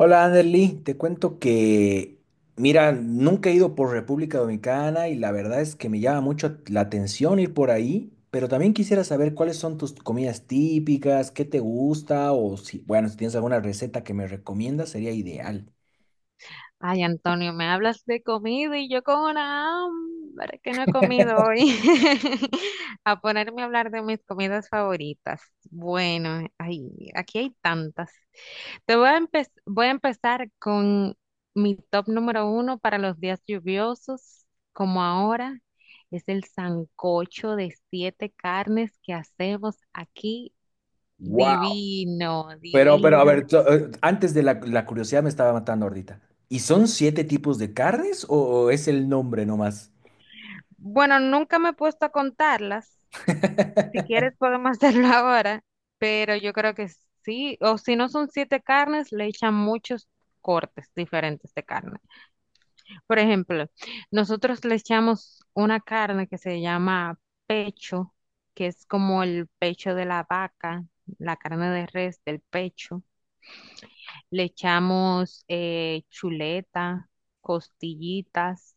Hola, Anderly, te cuento que, mira, nunca he ido por República Dominicana y la verdad es que me llama mucho la atención ir por ahí, pero también quisiera saber cuáles son tus comidas típicas, qué te gusta o si, bueno, si tienes alguna receta que me recomiendas, sería ideal. Ay, Antonio, me hablas de comida y yo con una hambre que no he comido hoy. A ponerme a hablar de mis comidas favoritas. Bueno, ay, aquí hay tantas. Te voy a empe- Voy a empezar con mi top número uno para los días lluviosos, como ahora. Es el sancocho de siete carnes que hacemos aquí. Wow. Divino, Pero, a ver, divino. Antes de la curiosidad me estaba matando ahorita. ¿Y son siete tipos de carnes o es el nombre nomás? Bueno, nunca me he puesto a contarlas. Si quieres podemos hacerlo ahora, pero yo creo que sí, o si no son siete carnes, le echan muchos cortes diferentes de carne. Por ejemplo, nosotros le echamos una carne que se llama pecho, que es como el pecho de la vaca, la carne de res del pecho. Le echamos chuleta, costillitas,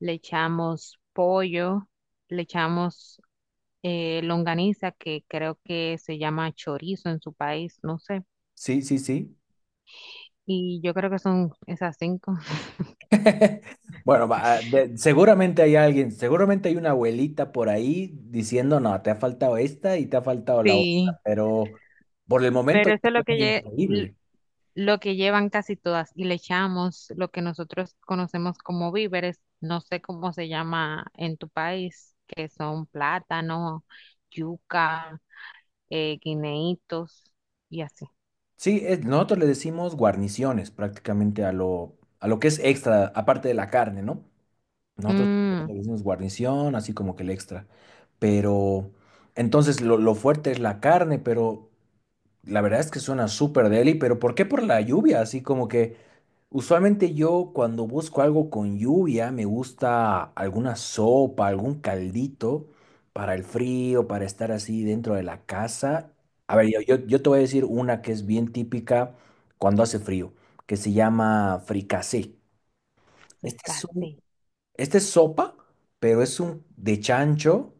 le echamos pollo, le echamos longaniza, que creo que se llama chorizo en su país, no sé. Sí, sí, sí. Y yo creo que son esas cinco. Bueno, va, seguramente hay alguien, seguramente hay una abuelita por ahí diciendo, no, te ha faltado esta y te ha faltado la otra, Sí, pero por el momento pero eso es suena increíble. lo que llevan casi todas. Y le echamos lo que nosotros conocemos como víveres, no sé cómo se llama en tu país, que son plátano, yuca, guineitos y así. Sí, nosotros le decimos guarniciones prácticamente a lo que es extra, aparte de la carne, ¿no? Nosotros Mm, le decimos guarnición, así como que el extra. Pero entonces lo fuerte es la carne, pero la verdad es que suena súper deli, pero ¿por qué por la lluvia? Así como que... Usualmente yo cuando busco algo con lluvia me gusta alguna sopa, algún caldito para el frío, para estar así dentro de la casa. A ver, yo te voy a decir una que es bien típica cuando hace frío, que se llama fricasé. Este es un- fricasé. esta es sopa, pero es un de chancho.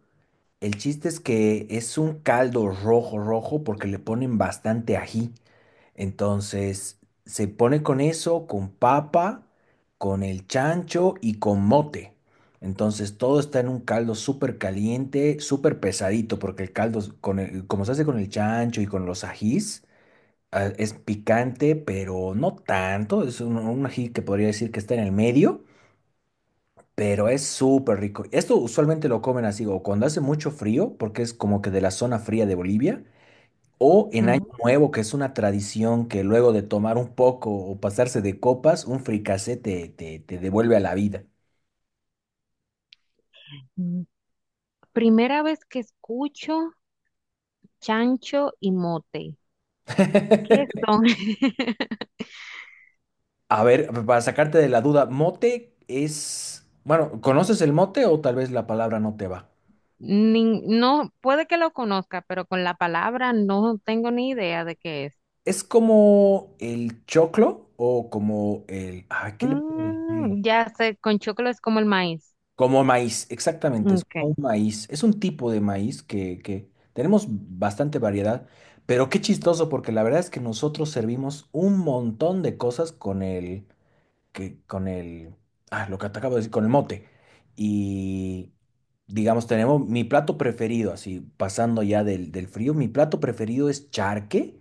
El chiste es que es un caldo rojo, rojo, porque le ponen bastante ají. Entonces, se pone con eso, con papa, con el chancho y con mote. Entonces, todo está en un caldo súper caliente, súper pesadito, porque el caldo, como se hace con el chancho y con los ajís, ah, es picante, pero no tanto. Es un ají que podría decir que está en el medio, pero es súper rico. Esto usualmente lo comen así, o cuando hace mucho frío, porque es como que de la zona fría de Bolivia. O en Año Ujú. Nuevo, que es una tradición que luego de tomar un poco o pasarse de copas, un fricasé te devuelve a la vida. Mm. Primera vez que escucho chancho y mote. ¿Qué son? A ver, para sacarte de la duda, mote es... Bueno, ¿conoces el mote o tal vez la palabra no te va? No, puede que lo conozca, pero con la palabra no tengo ni idea de qué es. ¿Es como el choclo o como el... Ah, ¿qué le puedo decir? Ya sé, con chocolate es como el maíz. Como maíz, exactamente, es como Okay. un maíz. Es un tipo de maíz que tenemos bastante variedad, pero qué chistoso, porque la verdad es que nosotros servimos un montón de cosas con el, que, con el, ah, lo que te acabo de decir, con el mote. Y digamos, tenemos mi plato preferido, así, pasando ya del frío, mi plato preferido es charque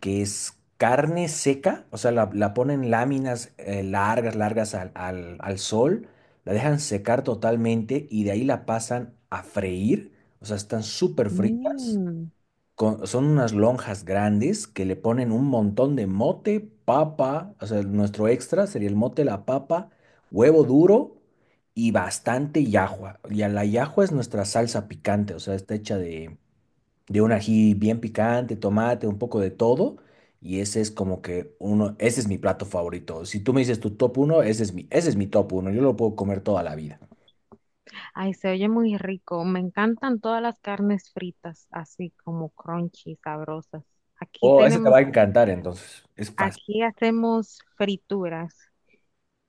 que es carne seca, o sea, la ponen láminas largas, largas al sol, la dejan secar totalmente y de ahí la pasan a freír, o sea, están súper fritas, Mm. Son unas lonjas grandes que le ponen un montón de mote, papa, o sea, nuestro extra sería el mote, la papa, huevo duro. Y bastante yahua. Y a la yahua es nuestra salsa picante, o sea, está hecha de un ají bien picante, tomate, un poco de todo. Y ese es como que uno, ese es mi plato favorito. Si tú me dices tu top uno, ese es mi top uno. Yo lo puedo comer toda la vida. Ay, se oye muy rico. Me encantan todas las carnes fritas, así como crunchy, sabrosas. Aquí Oh, ese te tenemos, va a encantar entonces. Es fácil. aquí hacemos frituras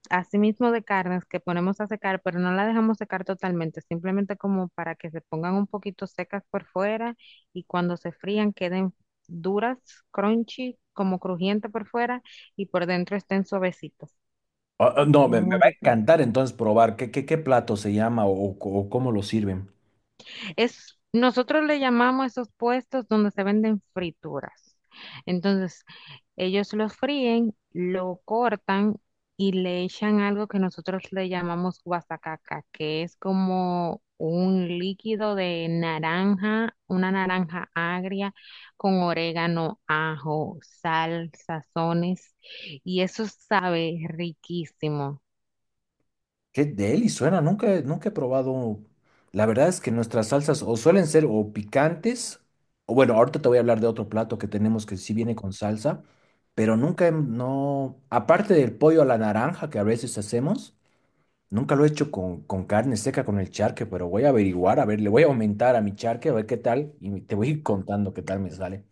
asimismo de carnes que ponemos a secar, pero no la dejamos secar totalmente, simplemente como para que se pongan un poquito secas por fuera y cuando se frían queden duras, crunchy, como crujiente por fuera y por dentro estén suavecitos. Oh, oh, no, me Muy va a encantar entonces probar qué plato se llama o cómo lo sirven. Es, nosotros le llamamos a esos puestos donde se venden frituras. Entonces, ellos lo fríen, lo cortan y le echan algo que nosotros le llamamos guasacaca, que es como un líquido de naranja, una naranja agria con orégano, ajo, sal, sazones, y eso sabe riquísimo. Qué deli suena, nunca he probado. La verdad es que nuestras salsas o suelen ser o picantes, o bueno, ahorita te voy a hablar de otro plato que tenemos que sí viene con salsa, pero nunca, hem- no, aparte del pollo a la naranja que a veces hacemos, nunca lo he hecho con carne seca, con el charque, pero voy a averiguar, a ver, le voy a aumentar a mi charque, a ver qué tal, y te voy a ir contando qué tal me sale.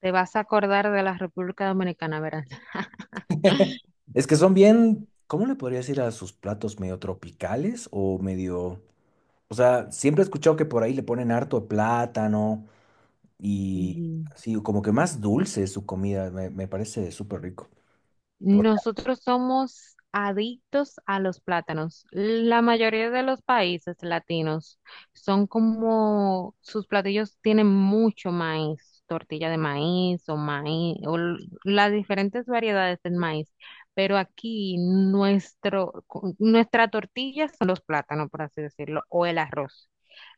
Te vas a acordar de la República Dominicana, verás. Es que son bien, ¿cómo le podría decir a sus platos medio tropicales o medio... O sea, siempre he escuchado que por ahí le ponen harto de plátano y Sí. así, como que más dulce es su comida, me parece súper rico. Nosotros somos adictos a los plátanos. La mayoría de los países latinos son como sus platillos tienen mucho maíz, tortilla de maíz o las diferentes variedades del maíz, pero aquí nuestra tortilla son los plátanos, por así decirlo, o el arroz.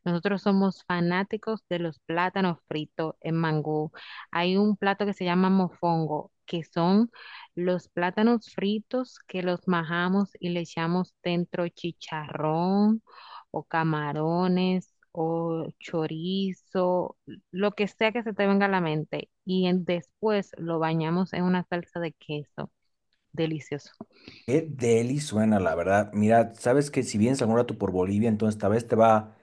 Nosotros somos fanáticos de los plátanos fritos en mangú. Hay un plato que se llama mofongo, que son los plátanos fritos que los majamos y le echamos dentro chicharrón o camarones o chorizo, lo que sea que se te venga a la mente. Después lo bañamos en una salsa de queso. Delicioso. Qué deli suena, la verdad. Mira, sabes que si vienes algún rato por Bolivia, entonces tal vez te va.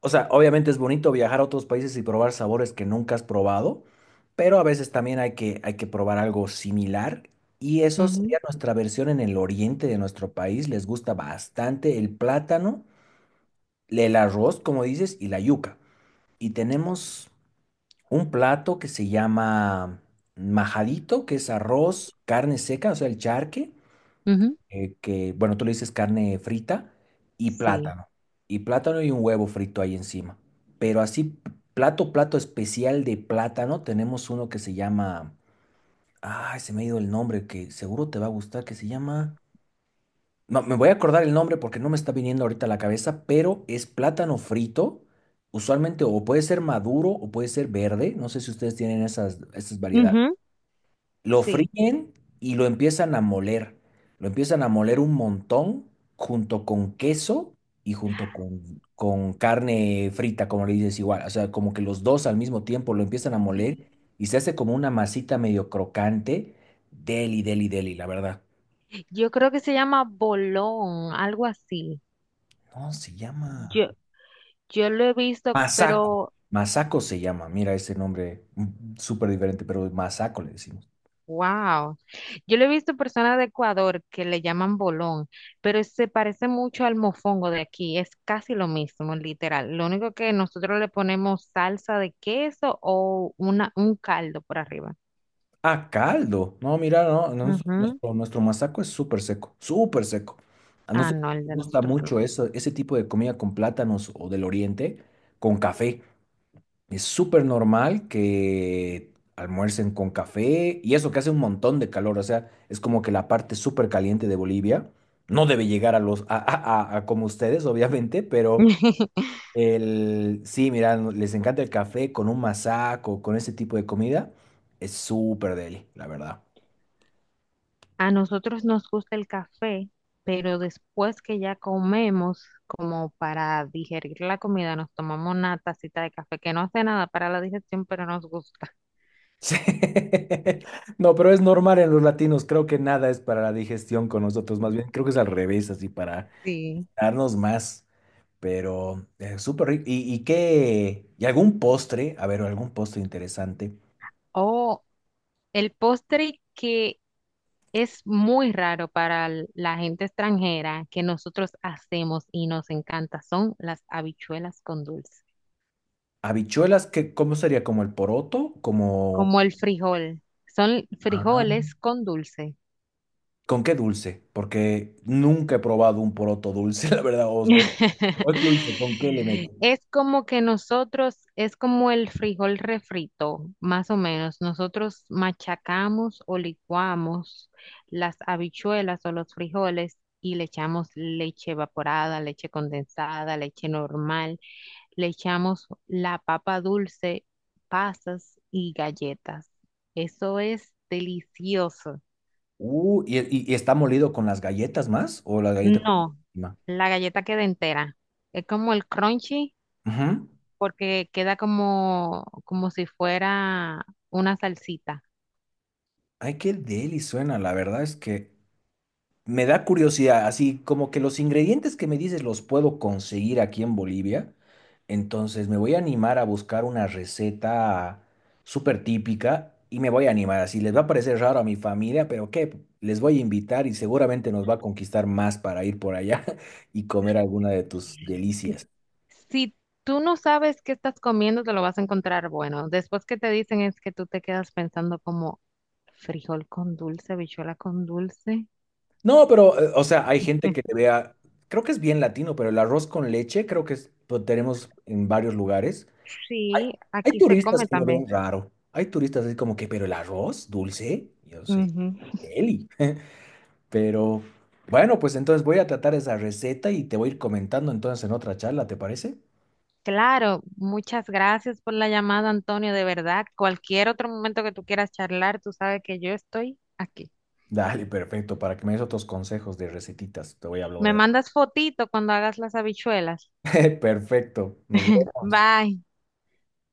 O sea, obviamente es bonito viajar a otros países y probar sabores que nunca has probado, pero a veces también hay hay que probar algo similar. Y eso Ujú, sería nuestra versión en el oriente de nuestro país. Les gusta bastante el plátano, el arroz, como dices, y la yuca. Y tenemos un plato que se llama majadito, que es arroz, carne seca, o sea, el charque, ujú. Bueno, tú le dices carne frita y Sí, plátano. Y plátano y un huevo frito ahí encima. Pero así, plato especial de plátano, tenemos uno que se llama, ay, se me ha ido el nombre, que seguro te va a gustar, que se llama... No, me voy a acordar el nombre porque no me está viniendo ahorita a la cabeza, pero es plátano frito, usualmente o puede ser maduro o puede ser verde, no sé si ustedes tienen esas variedades. ujú. Lo Sí. fríen y lo empiezan a moler, lo empiezan a moler un montón junto con queso y junto con carne frita, como le dices igual, o sea, como que los dos al mismo tiempo lo empiezan a Sí. moler y se hace como una masita medio crocante, deli, deli, deli, la verdad. Yo creo que se llama bolón, algo así. No, se llama... Yo, yo lo he visto, Masaco. pero Masaco se llama. Mira ese nombre súper diferente, pero Masaco le decimos. Wow. Yo le he visto personas de Ecuador que le llaman bolón, pero se parece mucho al mofongo de aquí. Es casi lo mismo, literal. Lo único que nosotros le ponemos salsa de queso o una, un caldo por arriba. Ah, caldo. No, mira, no. Ujú. Nuestro, nuestro masaco es súper seco, súper seco. A Ah, nosotros no, el nos de gusta nosotros mucho no. eso, ese tipo de comida con plátanos o del oriente, con café. Es súper normal que almuercen con café y eso que hace un montón de calor. O sea, es como que la parte súper caliente de Bolivia no debe llegar a los, a como ustedes, obviamente, pero. Sí, mira, les encanta el café con un masaco, con ese tipo de comida. Es súper deli, la verdad. A nosotros nos gusta el café, pero después que ya comemos, como para digerir la comida, nos tomamos una tacita de café que no hace nada para la digestión, pero nos gusta. Sí. No, pero es normal en los latinos. Creo que nada es para la digestión con nosotros. Más bien, creo que es al revés, así para Sí. darnos más. Pero es súper rico. Y qué? ¿Y algún postre? A ver, algún postre interesante. O El postre que es muy raro para la gente extranjera que nosotros hacemos y nos encanta son las habichuelas con dulce, Habichuelas, ¿qué, cómo sería? ¿Como el poroto? Como... como el frijol. Son Ah. frijoles con dulce. ¿Con qué dulce? Porque nunca he probado un poroto dulce, la verdad. O es dulce, ¿con qué le meto? Es como que nosotros, es como el frijol refrito, más o menos. Nosotros machacamos o licuamos las habichuelas o los frijoles y le echamos leche evaporada, leche condensada, leche normal. Le echamos la papa dulce, pasas y galletas. Eso es delicioso. Y está molido con las galletas más? ¿O la galleta con... No, encima? la galleta queda entera. Es como el crunchy, Ujú. porque queda como, como si fuera una salsita. Ay, qué deli suena. La verdad es que me da curiosidad, así como que los ingredientes que me dices los puedo conseguir aquí en Bolivia, entonces me voy a animar a buscar una receta súper típica y me voy a animar, así les va a parecer raro a mi familia, pero qué, les voy a invitar y seguramente nos va a conquistar más para ir por allá y comer alguna de tus Que delicias. Si tú no sabes qué estás comiendo, te lo vas a encontrar bueno. Después que te dicen es que tú te quedas pensando como frijol con dulce, habichuela con dulce. No, pero, o sea, hay gente que le vea, creo que es bien latino, pero el arroz con leche creo que lo tenemos en varios lugares. Sí, Hay aquí se turistas come que lo ven también. raro. Hay turistas así como que, pero el arroz dulce, yo sé, Ujú. deli. Pero bueno, pues entonces voy a tratar esa receta y te voy a ir comentando entonces en otra charla, ¿te parece? Claro, muchas gracias por la llamada, Antonio. De verdad, cualquier otro momento que tú quieras charlar, tú sabes que yo estoy aquí. Dale, perfecto, para que me des otros consejos de recetitas, te voy a Me hablar. mandas fotito cuando hagas las habichuelas. Perfecto, nos vemos. Bye.